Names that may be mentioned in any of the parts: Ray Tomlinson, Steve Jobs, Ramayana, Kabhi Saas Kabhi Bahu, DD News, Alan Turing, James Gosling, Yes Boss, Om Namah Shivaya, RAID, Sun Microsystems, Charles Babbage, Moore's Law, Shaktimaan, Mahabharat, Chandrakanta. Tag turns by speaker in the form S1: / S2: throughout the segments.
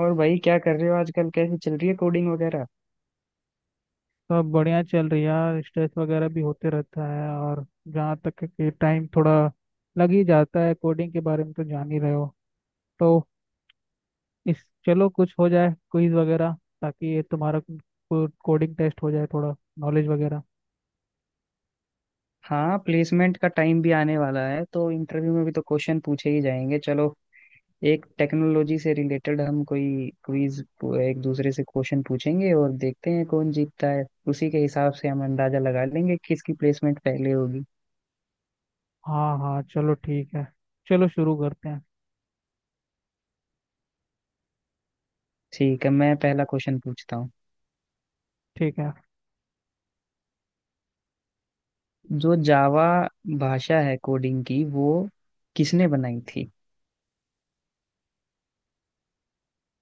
S1: और भाई क्या कर रहे हो आजकल? कैसी चल रही है कोडिंग वगैरह।
S2: सब बढ़िया चल रही है यार, स्ट्रेस वगैरह भी होते रहता है। और जहाँ तक है कि टाइम थोड़ा लग ही जाता है। कोडिंग के बारे में तो जान ही रहे हो। तो इस चलो कुछ हो जाए क्विज वगैरह, ताकि ये तुम्हारा कोडिंग टेस्ट हो जाए, थोड़ा नॉलेज वगैरह।
S1: हाँ, प्लेसमेंट का टाइम भी आने वाला है, तो इंटरव्यू में भी तो क्वेश्चन पूछे ही जाएंगे। चलो, एक टेक्नोलॉजी से रिलेटेड हम कोई क्विज, एक दूसरे से क्वेश्चन पूछेंगे और देखते हैं कौन जीतता है। उसी के हिसाब से हम अंदाजा लगा लेंगे किसकी प्लेसमेंट पहले होगी।
S2: हाँ हाँ, चलो ठीक है। चलो शुरू करते हैं।
S1: ठीक है, मैं पहला क्वेश्चन पूछता हूँ।
S2: ठीक है।
S1: जो जावा भाषा है कोडिंग की, वो किसने बनाई थी?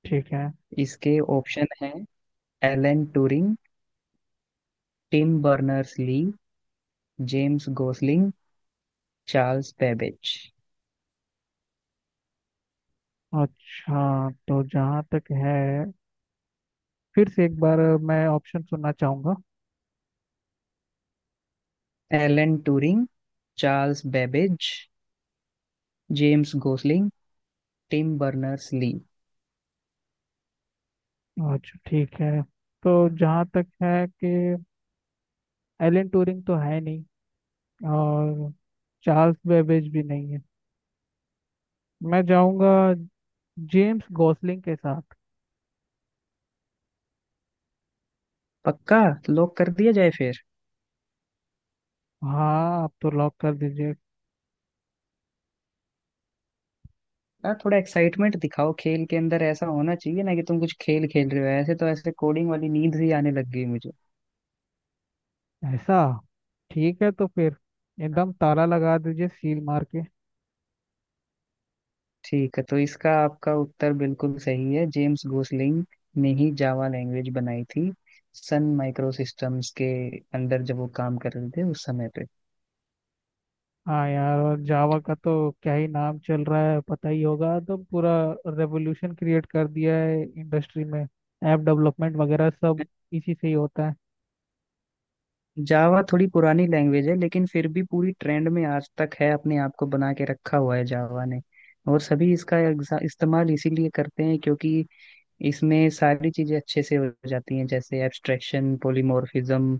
S2: ठीक है।
S1: इसके ऑप्शन है: Alan Turing, Tim Berners Lee, James Gosling, Charles Babbage.
S2: अच्छा, तो जहाँ तक है, फिर से एक बार मैं ऑप्शन सुनना चाहूँगा।
S1: Alan Turing, Charles Babbage, James Gosling, Tim Berners Lee.
S2: अच्छा ठीक है। तो जहाँ तक है कि एलन ट्यूरिंग तो है नहीं, और चार्ल्स बेबेज भी नहीं है। मैं जाऊंगा जेम्स गॉसलिंग के साथ।
S1: पक्का? लॉक कर दिया जाए फिर।
S2: हाँ, आप तो लॉक कर दीजिए।
S1: यार, थोड़ा एक्साइटमेंट दिखाओ। खेल के अंदर ऐसा होना चाहिए ना कि तुम कुछ खेल खेल रहे हो। ऐसे तो ऐसे कोडिंग वाली नींद ही आने लग गई मुझे।
S2: ऐसा? ठीक है, तो फिर एकदम ताला लगा दीजिए सील मार के।
S1: ठीक है, तो इसका आपका उत्तर बिल्कुल सही है। जेम्स गोसलिंग ने ही जावा लैंग्वेज बनाई थी, सन माइक्रो सिस्टम्स के अंदर जब वो काम कर रहे थे उस समय पे।
S2: हाँ यार, और जावा का तो क्या ही नाम चल रहा है, पता ही होगा। तो पूरा रेवोल्यूशन क्रिएट कर दिया है इंडस्ट्री में। ऐप डेवलपमेंट वगैरह सब इसी से ही होता है।
S1: जावा थोड़ी पुरानी लैंग्वेज है, लेकिन फिर भी पूरी ट्रेंड में आज तक है। अपने आप को बना के रखा हुआ है जावा ने। और सभी इसका इस्तेमाल इसीलिए करते हैं क्योंकि इसमें सारी चीजें अच्छे से हो जाती हैं, जैसे abstraction, polymorphism,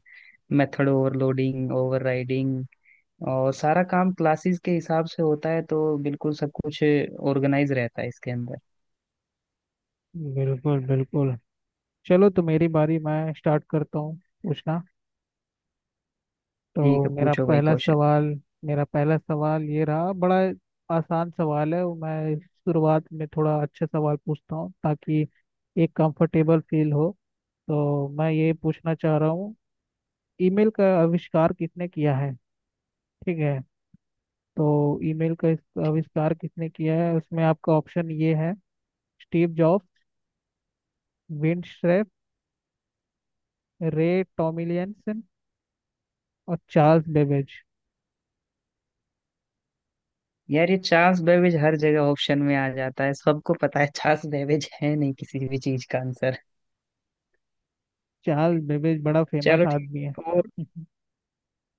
S1: method overloading, overriding. और सारा काम क्लासेस के हिसाब से होता है, तो बिल्कुल सब कुछ ऑर्गेनाइज रहता है इसके अंदर।
S2: बिल्कुल बिल्कुल। चलो तो मेरी बारी, मैं स्टार्ट करता हूँ पूछना।
S1: ठीक
S2: तो
S1: है,
S2: मेरा
S1: पूछो भाई
S2: पहला
S1: क्वेश्चन।
S2: सवाल, मेरा पहला सवाल ये रहा। बड़ा आसान सवाल है। वो मैं शुरुआत में थोड़ा अच्छे सवाल पूछता हूँ, ताकि एक कंफर्टेबल फील हो। तो मैं ये पूछना चाह रहा हूँ, ईमेल का आविष्कार किसने किया है? ठीक है। तो ईमेल का आविष्कार किसने किया है, उसमें आपका ऑप्शन ये है। Steve Jobs, Vint Cerf, Ray Tomlinson, और चार्ल्स बेबेज।
S1: यार, ये चार्ल्स बेबेज हर जगह ऑप्शन में आ जाता है। सबको पता है चार्ल्स बेबेज है नहीं किसी भी चीज का आंसर।
S2: चार्ल्स बेबेज बड़ा
S1: चलो
S2: फेमस
S1: ठीक
S2: आदमी है।
S1: है। और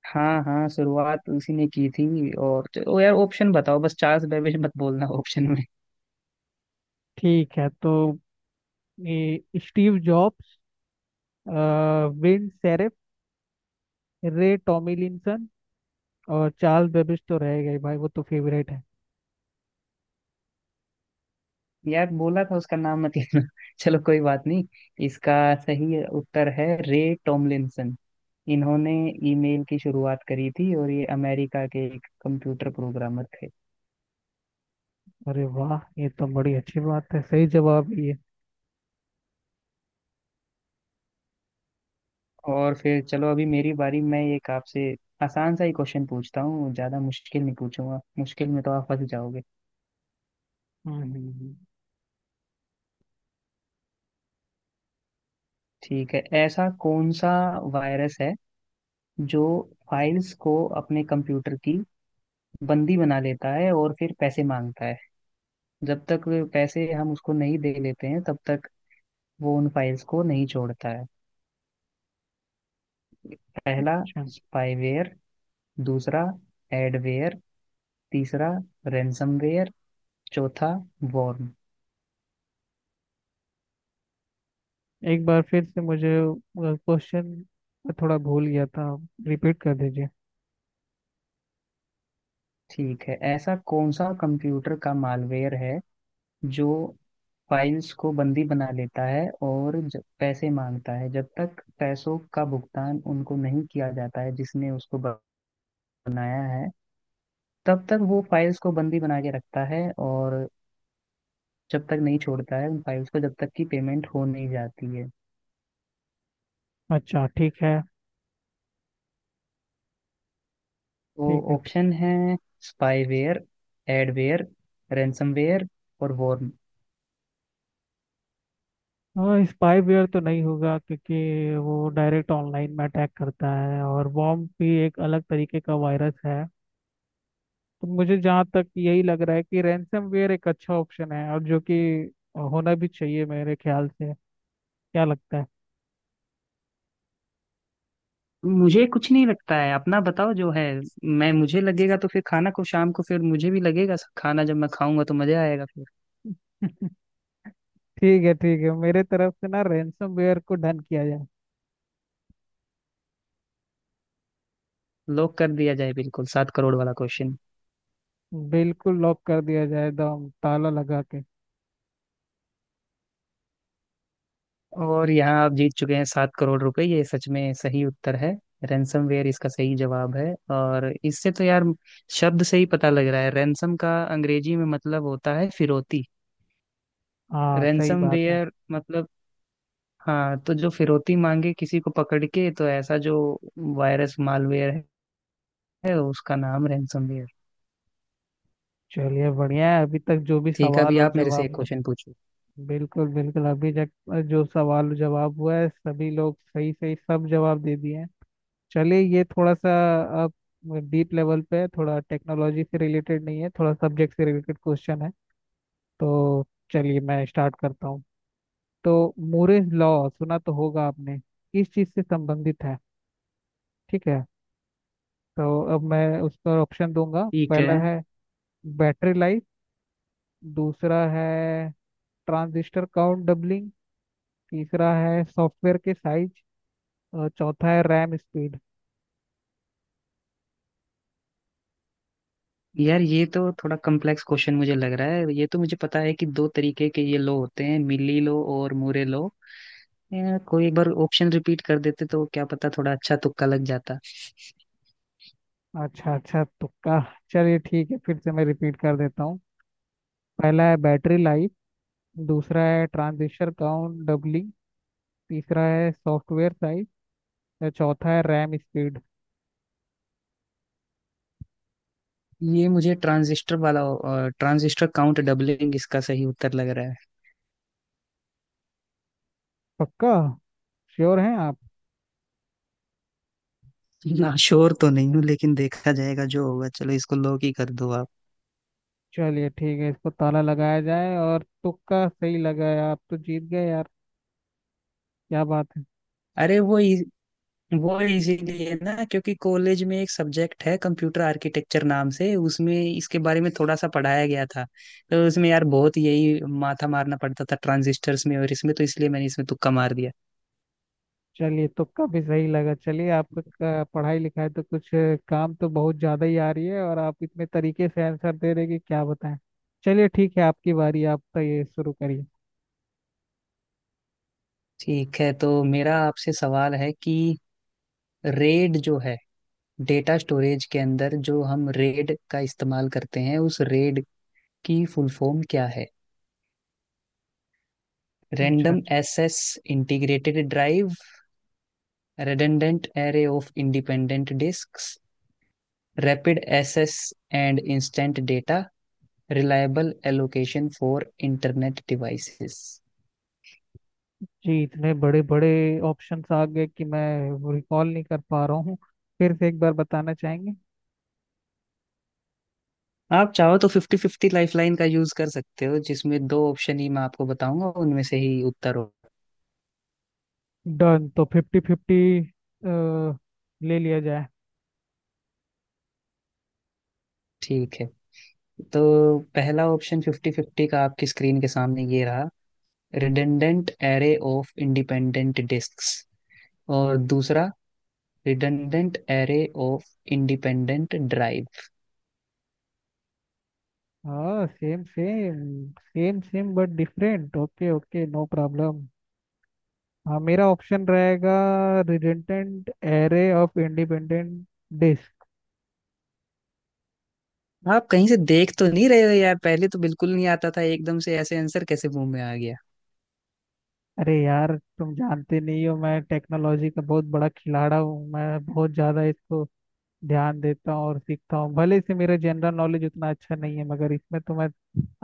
S1: हाँ हाँ, शुरुआत उसी ने की थी। और चलो यार, ऑप्शन बताओ, बस चार्ल्स बेबेज मत बोलना ऑप्शन में।
S2: ठीक है। तो ये Steve Jobs, uh, Vint Cerf, Ray Tomlinson, और चार्ल्स बेबेज तो रह गए भाई, वो तो फेवरेट है।
S1: यार बोला था उसका नाम मत लेना चलो कोई बात नहीं। इसका सही उत्तर है रे टॉमलिंसन। इन्होंने ईमेल की शुरुआत करी थी, और ये अमेरिका के एक कंप्यूटर प्रोग्रामर थे।
S2: अरे वाह, ये तो बड़ी अच्छी बात है। सही जवाब ये।
S1: और फिर चलो, अभी मेरी बारी। मैं एक आपसे आसान सा ही क्वेश्चन पूछता हूँ। ज्यादा मुश्किल नहीं पूछूंगा, मुश्किल में तो आप फंस जाओगे।
S2: हम्म हम्म, हम्म,
S1: ठीक है, ऐसा कौन सा वायरस है जो फाइल्स को, अपने कंप्यूटर की, बंदी बना लेता है और फिर पैसे मांगता है? जब तक वे पैसे हम उसको नहीं दे लेते हैं, तब तक वो उन फाइल्स को नहीं छोड़ता है। पहला,
S2: अच्छा।
S1: स्पाईवेयर। दूसरा, एडवेयर। तीसरा, रैंसमवेयर। चौथा, वॉर्म।
S2: एक बार फिर से मुझे क्वेश्चन थोड़ा भूल गया था, रिपीट कर दीजिए।
S1: ठीक है, ऐसा कौन सा कंप्यूटर का मालवेयर है जो फाइल्स को बंदी बना लेता है और जब पैसे मांगता है, जब तक पैसों का भुगतान उनको नहीं किया जाता है जिसने उसको बनाया है, तब तक वो फाइल्स को बंदी बना के रखता है और जब तक नहीं छोड़ता है उन फाइल्स को, जब तक कि पेमेंट हो नहीं जाती है।
S2: अच्छा ठीक है।
S1: तो
S2: ठीक है, ठीक।
S1: ऑप्शन है: स्पाईवेयर, एडवेयर, रैंसमवेयर और वॉर्म।
S2: हाँ, स्पाईवेयर तो नहीं होगा, क्योंकि वो डायरेक्ट ऑनलाइन में अटैक करता है। और वॉर्म भी एक अलग तरीके का वायरस है। तो मुझे जहाँ तक यही लग रहा है कि रैंसमवेयर एक अच्छा ऑप्शन है, और जो कि होना भी चाहिए मेरे ख्याल से। क्या लगता है?
S1: मुझे कुछ नहीं लगता है, अपना बताओ जो है। मैं मुझे लगेगा तो फिर खाना को शाम को, फिर मुझे भी लगेगा खाना जब मैं खाऊंगा तो मजा आएगा फिर।
S2: ठीक है ठीक है, मेरे तरफ से ना रैंसमवेयर को डन किया जाए।
S1: लॉक कर दिया जाए, बिल्कुल 7 करोड़ वाला क्वेश्चन।
S2: बिल्कुल, लॉक कर दिया जाए एकदम ताला लगा के।
S1: और यहाँ आप जीत चुके हैं 7 करोड़ रुपए। ये सच में सही उत्तर है। रैंसमवेयर इसका सही जवाब है। और इससे तो यार, शब्द से ही पता लग रहा है। रैंसम का अंग्रेजी में मतलब होता है फिरौती।
S2: हाँ सही बात है।
S1: रैंसमवेयर मतलब, हाँ, तो जो फिरौती मांगे किसी को पकड़ के, तो ऐसा जो वायरस मालवेयर है उसका नाम रैंसमवेयर।
S2: चलिए बढ़िया है अभी तक जो भी
S1: ठीक है,
S2: सवाल
S1: अभी
S2: और
S1: आप मेरे से एक
S2: जवाब।
S1: क्वेश्चन पूछो।
S2: बिल्कुल बिल्कुल, अभी तक जो सवाल और जवाब हुआ है सभी लोग सही सही सब जवाब दे दिए हैं। चलिए, ये थोड़ा सा अब डीप लेवल पे है। थोड़ा टेक्नोलॉजी से रिलेटेड नहीं है, थोड़ा सब्जेक्ट से रिलेटेड क्वेश्चन है। तो चलिए मैं स्टार्ट करता हूँ। तो मूरेज लॉ सुना तो होगा आपने, किस चीज़ से संबंधित है? ठीक है। तो अब मैं उसका ऑप्शन दूंगा।
S1: ठीक
S2: पहला
S1: है।
S2: है बैटरी लाइफ, दूसरा है ट्रांजिस्टर काउंट डबलिंग, तीसरा है सॉफ्टवेयर के साइज, और चौथा है रैम स्पीड।
S1: यार, ये तो थोड़ा कॉम्प्लेक्स क्वेश्चन मुझे लग रहा है। ये तो मुझे पता है कि दो तरीके के ये लो होते हैं, मिली लो और मुरे लो। यार, कोई एक बार ऑप्शन रिपीट कर देते तो क्या पता थोड़ा अच्छा तुक्का लग जाता।
S2: अच्छा अच्छा, तुक्का। चलिए ठीक है, फिर से मैं रिपीट कर देता हूँ। पहला है बैटरी लाइफ, दूसरा है ट्रांजिस्टर काउंट डबलिंग, तीसरा है सॉफ्टवेयर साइज, और चौथा है रैम स्पीड।
S1: ये मुझे ट्रांजिस्टर वाला, ट्रांजिस्टर काउंट डबलिंग, इसका सही उत्तर लग रहा
S2: पक्का? श्योर हैं आप?
S1: है ना। श्योर तो नहीं हूँ, लेकिन देखा जाएगा जो होगा। चलो, इसको लो ही कर दो आप।
S2: चलिए ठीक है, इसको ताला लगाया जाए। और तुक्का सही लगा है, आप तो जीत गए यार। क्या बात है।
S1: अरे वो वो इजीली है ना, क्योंकि कॉलेज में एक सब्जेक्ट है कंप्यूटर आर्किटेक्चर नाम से, उसमें इसके बारे में थोड़ा सा पढ़ाया गया था। तो उसमें यार बहुत यही माथा मारना पड़ता था ट्रांजिस्टर्स में और इसमें, तो इसलिए मैंने इसमें तुक्का मार दिया।
S2: चलिए तुक्का भी सही लगा। चलिए आपका पढ़ाई लिखाई तो कुछ काम तो बहुत ज़्यादा ही आ रही है, और आप इतने तरीके से आंसर दे रहे हैं कि क्या बताएं। चलिए ठीक है, आपकी बारी, आप तो ये शुरू करिए।
S1: ठीक है, तो मेरा आपसे सवाल है कि रेड जो है, डेटा स्टोरेज के अंदर जो हम रेड का इस्तेमाल करते हैं, उस रेड की फुल फॉर्म क्या है?
S2: अच्छा
S1: रैंडम
S2: अच्छा।
S1: Access integrated drive, redundant array of independent disk, rapid access and instant data, reliable allocation for internet devices.
S2: जी, इतने बड़े बड़े ऑप्शंस आ गए कि मैं रिकॉल नहीं कर पा रहा हूँ। फिर से एक बार बताना चाहेंगे?
S1: आप चाहो तो फिफ्टी फिफ्टी लाइफलाइन का यूज कर सकते हो, जिसमें दो ऑप्शन ही मैं आपको बताऊंगा, उनमें से ही उत्तर हो।
S2: डन, तो फिफ्टी फिफ्टी ले लिया जाए।
S1: ठीक है, तो पहला ऑप्शन फिफ्टी फिफ्टी का आपकी स्क्रीन के सामने ये रहा: redundant array of independent disks, और दूसरा, redundant array of independent drive.
S2: हाँ same same same same but different. Okay okay, no problem. हाँ, मेरा ऑप्शन रहेगा redundant array of independent disk.
S1: आप कहीं से देख तो नहीं रहे हो यार? पहले तो बिल्कुल नहीं आता था, एकदम से ऐसे आंसर कैसे मुंह में आ गया।
S2: अरे यार, तुम जानते नहीं हो, मैं टेक्नोलॉजी का बहुत बड़ा खिलाड़ा हूँ। मैं बहुत ज़्यादा इसको ध्यान देता हूँ और सीखता हूँ। भले से मेरा जनरल नॉलेज उतना अच्छा नहीं है, मगर इसमें तो मैं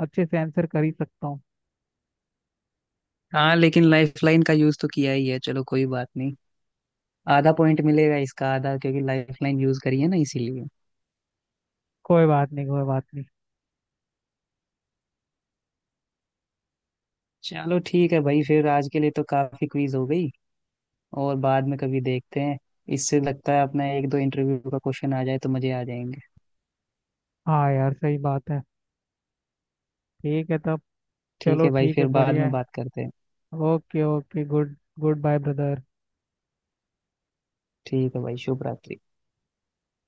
S2: अच्छे से आंसर कर ही सकता हूँ।
S1: हाँ, लेकिन लाइफलाइन का यूज तो किया ही है। चलो कोई बात नहीं, आधा पॉइंट मिलेगा, इसका आधा, क्योंकि लाइफलाइन यूज करी है ना इसीलिए।
S2: कोई बात नहीं कोई बात नहीं।
S1: चलो ठीक है भाई, फिर आज के लिए तो काफी क्विज हो गई, और बाद में कभी देखते हैं। इससे लगता है अपना एक दो इंटरव्यू का क्वेश्चन आ जाए तो मजे आ जाएंगे।
S2: हाँ यार सही बात है। ठीक है तब।
S1: ठीक
S2: चलो
S1: है भाई,
S2: ठीक है,
S1: फिर बाद
S2: बढ़िया
S1: में
S2: है।
S1: बात करते हैं।
S2: Okay okay, good, goodbye brother.
S1: ठीक है भाई, शुभ रात्रि।